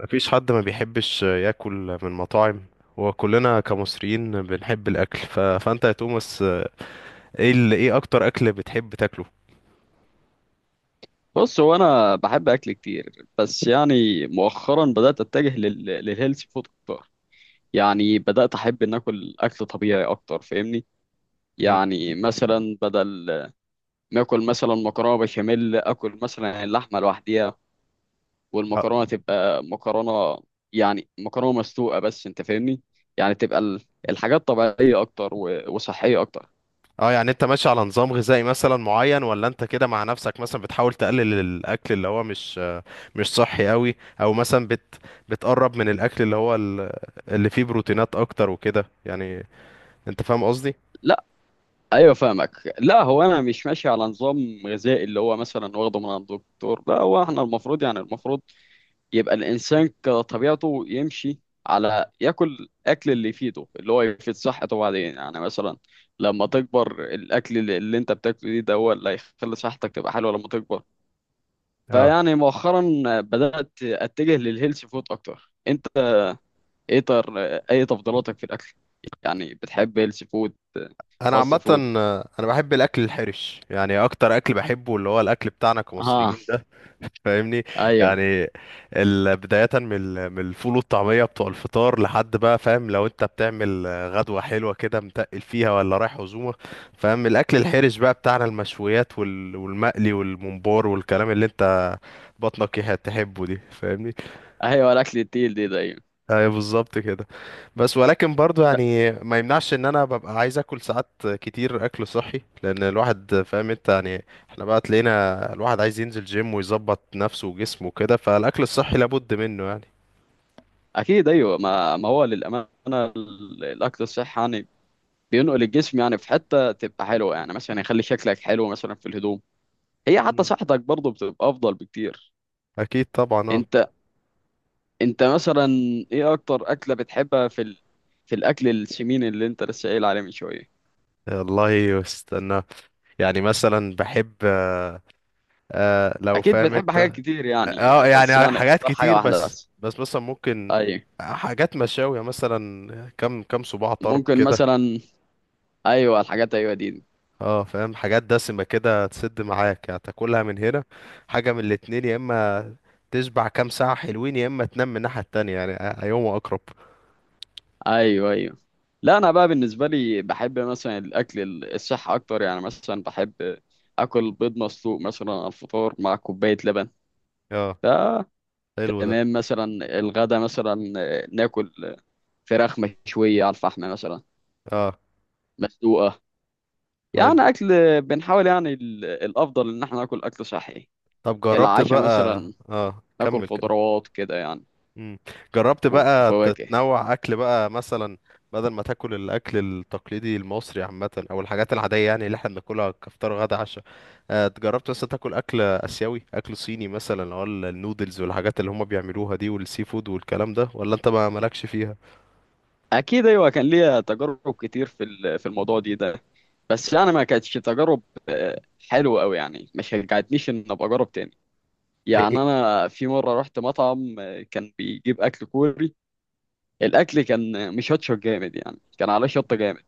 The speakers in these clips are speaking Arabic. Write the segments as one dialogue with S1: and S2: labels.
S1: مفيش حد ما بيحبش ياكل من مطاعم، وكلنا كمصريين بنحب الاكل فانت يا توماس، ايه ايه اكتر اكل بتحب تاكله؟
S2: بص، هو انا بحب اكل كتير، بس يعني مؤخرا بدات اتجه للهيلثي فود اكتر. يعني بدات احب ان اكل اكل طبيعي اكتر، فاهمني؟
S1: مم.
S2: يعني مثلا بدل ما اكل مثلا مكرونه بشاميل، اكل مثلا اللحمه لوحديها
S1: اه
S2: والمكرونه تبقى مكرونه. يعني مكرونه مسلوقه بس، انت فاهمني؟ يعني تبقى الحاجات طبيعيه اكتر وصحيه اكتر.
S1: يعني انت ماشي على نظام غذائي مثلا معين، ولا انت كده مع نفسك مثلا بتحاول تقلل الاكل اللي هو مش مش صحي قوي، او مثلا بتقرب من الاكل اللي هو اللي فيه بروتينات اكتر وكده، يعني انت فاهم قصدي؟
S2: لا، ايوه فاهمك. لا، هو انا مش ماشي على نظام غذائي اللي هو مثلا واخده من عند الدكتور. لا، هو احنا المفروض، يعني المفروض يبقى الانسان كطبيعته يمشي على ياكل الاكل اللي يفيده، اللي هو يفيد صحته. بعدين يعني مثلا لما تكبر، الاكل اللي انت بتاكله ده هو اللي هيخلي صحتك تبقى حلوه لما تكبر.
S1: اه
S2: فيعني مؤخرا بدات اتجه للهيلث فود اكتر. انت ايه اي تفضيلاتك في الاكل؟ يعني بتحب هيلث فود
S1: انا
S2: فاست
S1: عامه
S2: فود؟
S1: انا بحب الاكل الحرش، يعني اكتر اكل بحبه اللي هو الاكل بتاعنا
S2: اه.
S1: كمصريين، فاهمني؟
S2: ايوه،
S1: يعني بداية من من الفول والطعمية بتوع الفطار لحد بقى فاهم، لو انت بتعمل غدوة حلوة كده متقل فيها ولا رايح عزومة، فاهم؟ الأكل الحرش بقى بتاعنا المشويات والمقلي والممبار والكلام اللي انت بطنك تحبه دي، فاهمني؟
S2: ايوه، الاكل التقيل دي ده، أيوة.
S1: ايوه بالظبط كده. بس ولكن برضو،
S2: لا،
S1: يعني ما يمنعش ان انا ببقى عايز اكل ساعات كتير اكل صحي، لان الواحد فاهم انت يعني، احنا بقى تلاقينا الواحد عايز ينزل جيم ويظبط نفسه وجسمه وكده، فالاكل الصحي لابد منه يعني.
S2: اكيد ايوه. ما هو للامانه الاكل الصحي يعني بينقل الجسم يعني في حته تبقى حلوه. يعني مثلا يخلي شكلك حلو مثلا في الهدوم، هي حتى
S1: مم.
S2: صحتك برضه بتبقى افضل بكتير.
S1: اكيد طبعا اه.
S2: انت انت مثلا، ايه اكتر اكله بتحبها في في الاكل السمين اللي انت لسه قايل عليه من شويه؟
S1: والله استنى، يعني مثلا بحب لو
S2: اكيد
S1: فاهم
S2: بتحب
S1: انت.
S2: حاجات
S1: اه
S2: كتير يعني، بس
S1: يعني
S2: يعني
S1: حاجات
S2: اختار حاجه
S1: كتير،
S2: واحده
S1: بس
S2: بس.
S1: بس مثلا ممكن
S2: ايوه،
S1: حاجات مشاوية، مثلا كم صباع طرب
S2: ممكن
S1: كده.
S2: مثلا. ايوه، الحاجات ايوه دي.
S1: اه فاهم، حاجات دسمة كده تسد معاك يعني، تاكلها من هنا حاجة من الاتنين، يا اما تشبع كام ساعة حلوين، يا اما تنام من الناحية التانية يعني، أيهما أقرب؟
S2: ايوه، ايوه. لا، انا بقى بالنسبه لي بحب مثلا الاكل الصحي اكتر. يعني مثلا بحب اكل بيض مسلوق مثلا على الفطار مع كوبايه لبن.
S1: اه
S2: ف
S1: حلو ده.
S2: تمام. مثلا الغدا مثلا ناكل فراخ مشويه على الفحم مثلا،
S1: اه
S2: مسلوقه.
S1: حلو.
S2: يعني اكل، بنحاول يعني الافضل ان احنا ناكل اكل صحي.
S1: طب جربت
S2: العشاء
S1: بقى.
S2: مثلا
S1: اه
S2: ناكل
S1: كمل.
S2: خضروات كده يعني،
S1: مم. جربت بقى
S2: وفواكه.
S1: تتنوع اكل بقى، مثلا بدل ما تاكل الاكل التقليدي المصري عامه، او الحاجات العاديه يعني اللي احنا بناكلها كفطار غدا عشاء، جربت بس تاكل اكل اسيوي، اكل صيني مثلا، اللي هو النودلز والحاجات اللي هم بيعملوها دي، والسي فود والكلام ده، ولا انت ما مالكش فيها؟
S2: اكيد ايوه، كان ليا تجارب كتير في في الموضوع دي ده، بس يعني ما كانتش تجارب آه، حلوه قوي. يعني ما شجعتنيش ان ابقى اجرب تاني.
S1: إيه إيه؟
S2: يعني انا في مره رحت مطعم آه، كان بيجيب اكل كوري. الاكل كان مشطشط جامد، يعني كان عليه شطه جامد.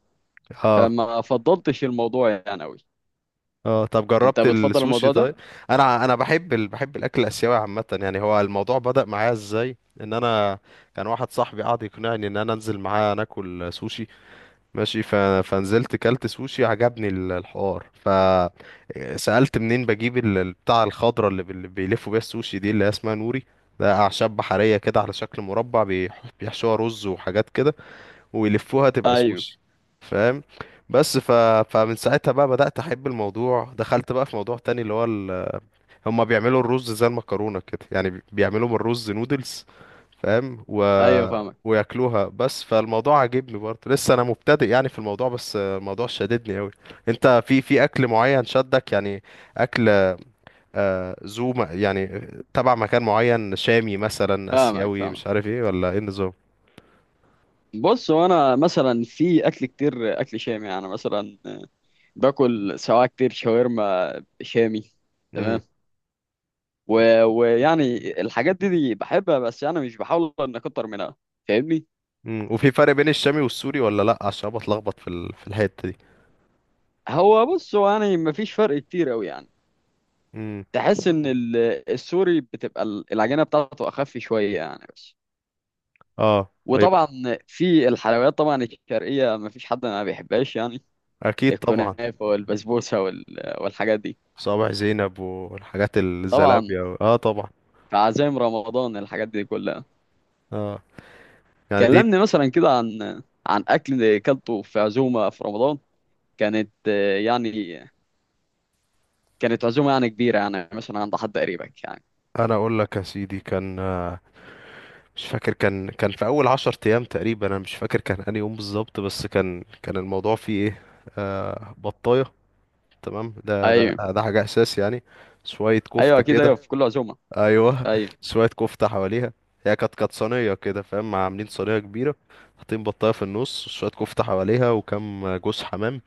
S1: اه
S2: فما فضلتش الموضوع يعني قوي.
S1: اه. طب
S2: انت
S1: جربت
S2: بتفضل
S1: السوشي
S2: الموضوع ده؟
S1: طيب؟ انا بحب بحب الاكل الاسيوي عامه، يعني هو الموضوع بدأ معايا ازاي؟ ان انا كان واحد صاحبي قعد يقنعني ان انا انزل معاه ناكل سوشي ماشي، فنزلت كلت سوشي، عجبني الحوار، فسألت منين بجيب بتاع الخضرة اللي بيلفوا بيها السوشي دي اللي هي اسمها نوري، ده أعشاب بحرية كده على شكل مربع، بيحشوها رز وحاجات كده ويلفوها تبقى
S2: ايوه.
S1: سوشي، فاهم؟ بس ف... فمن ساعتها بقى بدأت أحب الموضوع، دخلت بقى في موضوع تاني اللي هو هما بيعملوا الرز زي المكرونة كده، يعني بيعملوا من الرز نودلز، فاهم؟
S2: ايوه فاهمك،
S1: وياكلوها بس، فالموضوع عاجبني برضه، لسه انا مبتدئ يعني في الموضوع، بس الموضوع شددني قوي. انت في اكل معين شدك يعني؟ اكل يعني تبع مكان معين، شامي مثلا،
S2: فاهمك
S1: اسيوي، مش
S2: فاهمك
S1: عارف ايه، ولا ايه النظام؟
S2: بص، وانا مثلا في اكل كتير، اكل شامي يعني مثلا آه، باكل سواء كتير شاورما شامي.
S1: امم.
S2: تمام. ويعني الحاجات دي بحبها، بس يعني مش بحاول ان اكتر منها، فاهمني؟
S1: امم، وفي فرق بين الشامي والسوري ولا لا؟ عشان أنا بتلخبط في في الحتة دي.
S2: هو بص، هو يعني مفيش فرق كتير قوي يعني.
S1: امم.
S2: تحس ان السوري بتبقى العجينه بتاعته اخف شويه يعني، بس.
S1: اه يبقى.
S2: وطبعا في الحلويات طبعا الشرقيه مفيش حد ما بيحبهاش يعني،
S1: اكيد طبعا.
S2: الكنافه والبسبوسه والحاجات دي.
S1: صابع زينب والحاجات،
S2: طبعا
S1: الزلابية اه طبعا.
S2: في عزايم رمضان الحاجات دي كلها.
S1: اه يعني دي،
S2: كلمني مثلا كده عن عن اكل كلته في عزومه في رمضان. كانت آه، يعني كانت عزومه يعني كبيره يعني مثلا عند حد قريبك يعني؟
S1: انا اقول لك يا سيدي، كان آه، مش فاكر، كان في اول 10 ايام تقريبا، انا مش فاكر كان انهي يوم بالظبط، بس كان الموضوع فيه ايه؟ آه بطاية تمام، ده ده
S2: ايوه،
S1: ده حاجة اساس يعني، شوية
S2: ايوه،
S1: كفتة
S2: اكيد
S1: كده.
S2: ايوه، في كل عزومه.
S1: ايوه
S2: ايوه،
S1: شوية كفتة حواليها، هي كانت صينية كده، فاهم؟ عاملين صينية كبيرة، حاطين بطاية في النص، شوية كفتة حواليها وكم جوز حمام،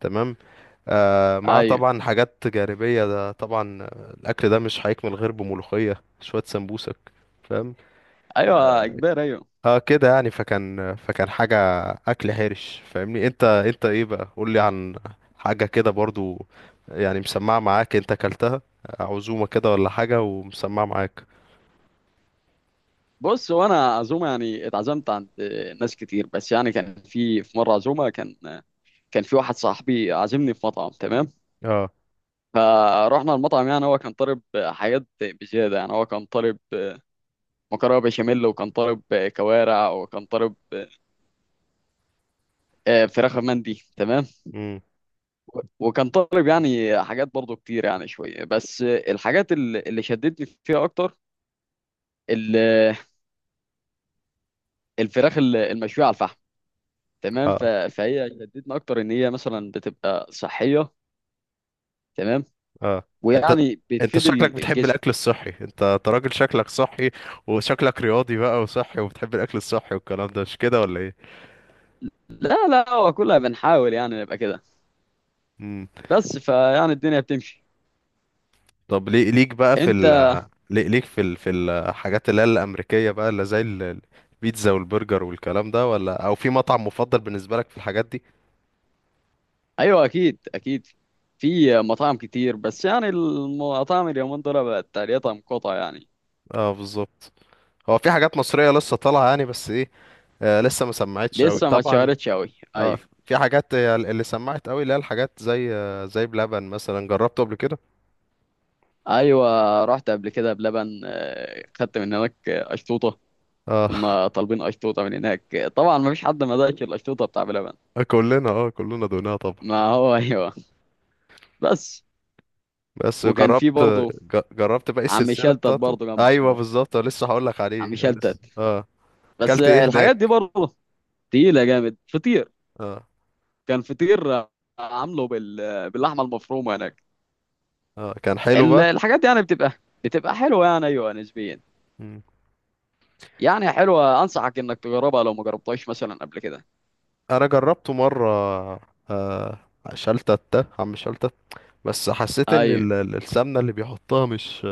S1: تمام، مع
S2: ايوه،
S1: طبعا حاجات جانبية ده طبعا، الأكل ده مش هيكمل غير بملوخية شوية سمبوسك، فاهم؟
S2: ايوه، كبير ايوه.
S1: اه كده يعني، فكان حاجة أكل حرش فاهمني. انت انت ايه بقى؟ قولي عن حاجة كده برضو، يعني مسمعة معاك انت أكلتها، عزومة كده ولا حاجة ومسمعة معاك.
S2: بص، وانا عزومه يعني اتعزمت عند ناس كتير، بس يعني كان في مره عزومه، كان في واحد صاحبي عازمني في مطعم، تمام.
S1: اه.
S2: فروحنا المطعم، يعني هو كان طالب حاجات بزياده. يعني هو كان طالب مكرونه بشاميل، وكان طالب كوارع، وكان طالب آه، فراخ مندي، تمام.
S1: امم.
S2: وكان طالب يعني حاجات برضو كتير يعني شوية. بس الحاجات اللي شدتني فيها أكتر ال- الفراخ المشوية على الفحم، تمام.
S1: اه.
S2: فهي شدتني أكتر إن هي مثلا بتبقى صحية، تمام.
S1: اه. انت
S2: ويعني
S1: انت
S2: بتفيد
S1: شكلك بتحب
S2: الجسم.
S1: الأكل الصحي، انت أنت راجل شكلك صحي وشكلك رياضي بقى وصحي، وبتحب الأكل الصحي والكلام ده، مش كده ولا؟
S2: لا لا، هو كلها بنحاول يعني نبقى كده،
S1: ايه
S2: بس فيعني الدنيا بتمشي.
S1: طب ليك بقى في
S2: أنت،
S1: ليك في في الحاجات اللي هي الأمريكية بقى، اللي زي البيتزا والبرجر والكلام ده، ولا أو في مطعم مفضل بالنسبة لك في الحاجات دي؟
S2: أيوه أكيد أكيد، في مطاعم كتير، بس يعني المطاعم اليومين دول بقت تقريبا مقاطعة يعني.
S1: اه بالظبط. هو في حاجات مصرية لسه طالعة يعني، بس ايه، آه لسه ما سمعتش أوي
S2: لسه ما
S1: طبعا.
S2: اتشهرتش أوي،
S1: اه
S2: أيوه.
S1: في حاجات هي اللي سمعت أوي، اللي هي الحاجات زي زي بلبن مثلا، جربته قبل كده؟
S2: ايوه، رحت قبل كده بلبن آه، خدت من هناك آه، اشطوطه.
S1: اه
S2: كنا طالبين اشطوطه من هناك آه، طبعا ما فيش حد ما دقش الاشطوطه بتاع بلبن.
S1: كلنا، اه كلنا دوقناها طبعا.
S2: ما هو ايوه. بس،
S1: بس
S2: وكان في
S1: جربت،
S2: برضه
S1: جربت باقي
S2: عم
S1: السلسلة
S2: شلتت
S1: بتاعته؟
S2: برضه
S1: ايوه
S2: جنبه،
S1: بالظبط لسه هقول لك عليه،
S2: عم
S1: لسه
S2: شلتت.
S1: اه.
S2: بس
S1: اكلت ايه
S2: آه، الحاجات دي
S1: هناك؟
S2: برضه تقيله جامد، فطير.
S1: اه
S2: كان فطير آه، عامله بال آه، باللحمه المفرومه هناك.
S1: اه كان حلو بقى.
S2: الحاجات دي يعني بتبقى حلوه يعني، ايوه نسبيا.
S1: مم.
S2: يعني حلوه، انصحك انك تجربها لو ما جربتهاش مثلا قبل كده.
S1: انا جربته مره آه شلتت عم شلتت، بس حسيت ان
S2: ايوه،
S1: السمنه اللي بيحطها مش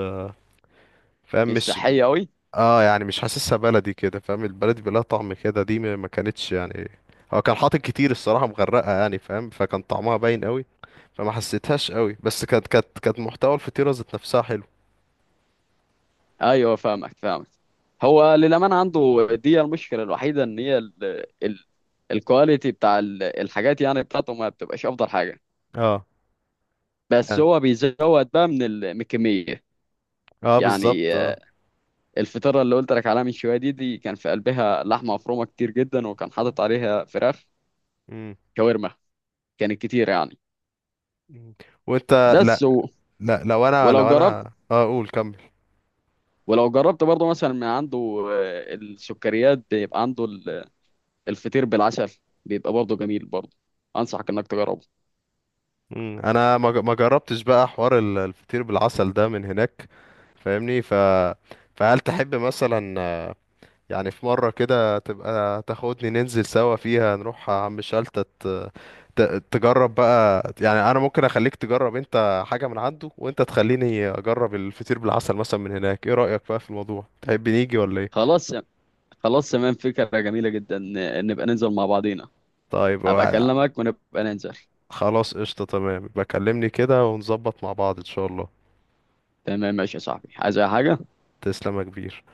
S1: فاهم
S2: مش
S1: مش،
S2: صحيه قوي.
S1: اه يعني مش حاسسها بلدي كده، فاهم؟ البلدي بلا طعم كده، دي ما كانتش يعني، هو كان حاطط كتير الصراحه مغرقه يعني فاهم، فكان طعمها باين قوي، فما حسيتهاش قوي، بس كانت محتوى الفطيره ذات نفسها حلو.
S2: ايوه فاهمك فاهمك. هو للامانه عنده دي المشكله الوحيده، ان هي ال... الكواليتي بتاع الحاجات يعني بتاعته ما بتبقاش افضل حاجه،
S1: اه
S2: بس
S1: يعني.
S2: هو بيزود بقى من من الكميه.
S1: اه بالظبط
S2: يعني
S1: اه.
S2: آه، الفطيره اللي قلت لك عليها من شويه دي كان في قلبها لحمه مفرومه كتير جدا، وكان حاطط عليها فراخ
S1: مم.
S2: شاورما، كانت كتير يعني.
S1: مم. وانت؟ لا
S2: بس
S1: لا، لو انا
S2: ولو
S1: لو
S2: جربت
S1: انا اه قول كمل.
S2: ولو جربت برضه مثلا من عنده آه، السكريات بيبقى عنده الفطير بالعسل، بيبقى برضه جميل برضه، انصحك انك تجربه.
S1: مم. انا ما جربتش بقى حوار الفطير بالعسل ده من هناك، فاهمني؟ فهل تحب مثلا، يعني في مرة كده تبقى تاخدني ننزل سوا فيها نروح عم شلتت، ت... تجرب بقى، يعني انا ممكن اخليك تجرب انت حاجة من عنده، وانت تخليني اجرب الفطير بالعسل مثلا من هناك، ايه رأيك بقى في الموضوع؟ تحب نيجي ولا ايه؟
S2: خلاص خلاص تمام، فكرة جميلة جدا. نبقى ننزل مع بعضينا،
S1: طيب
S2: هبقى
S1: هو-
S2: اكلمك ونبقى ننزل.
S1: خلاص قشطة تمام، بكلمني كده ونظبط مع بعض ان شاء الله.
S2: تمام، ماشي يا صاحبي، عايز اي حاجة؟
S1: تسلم يا كبير.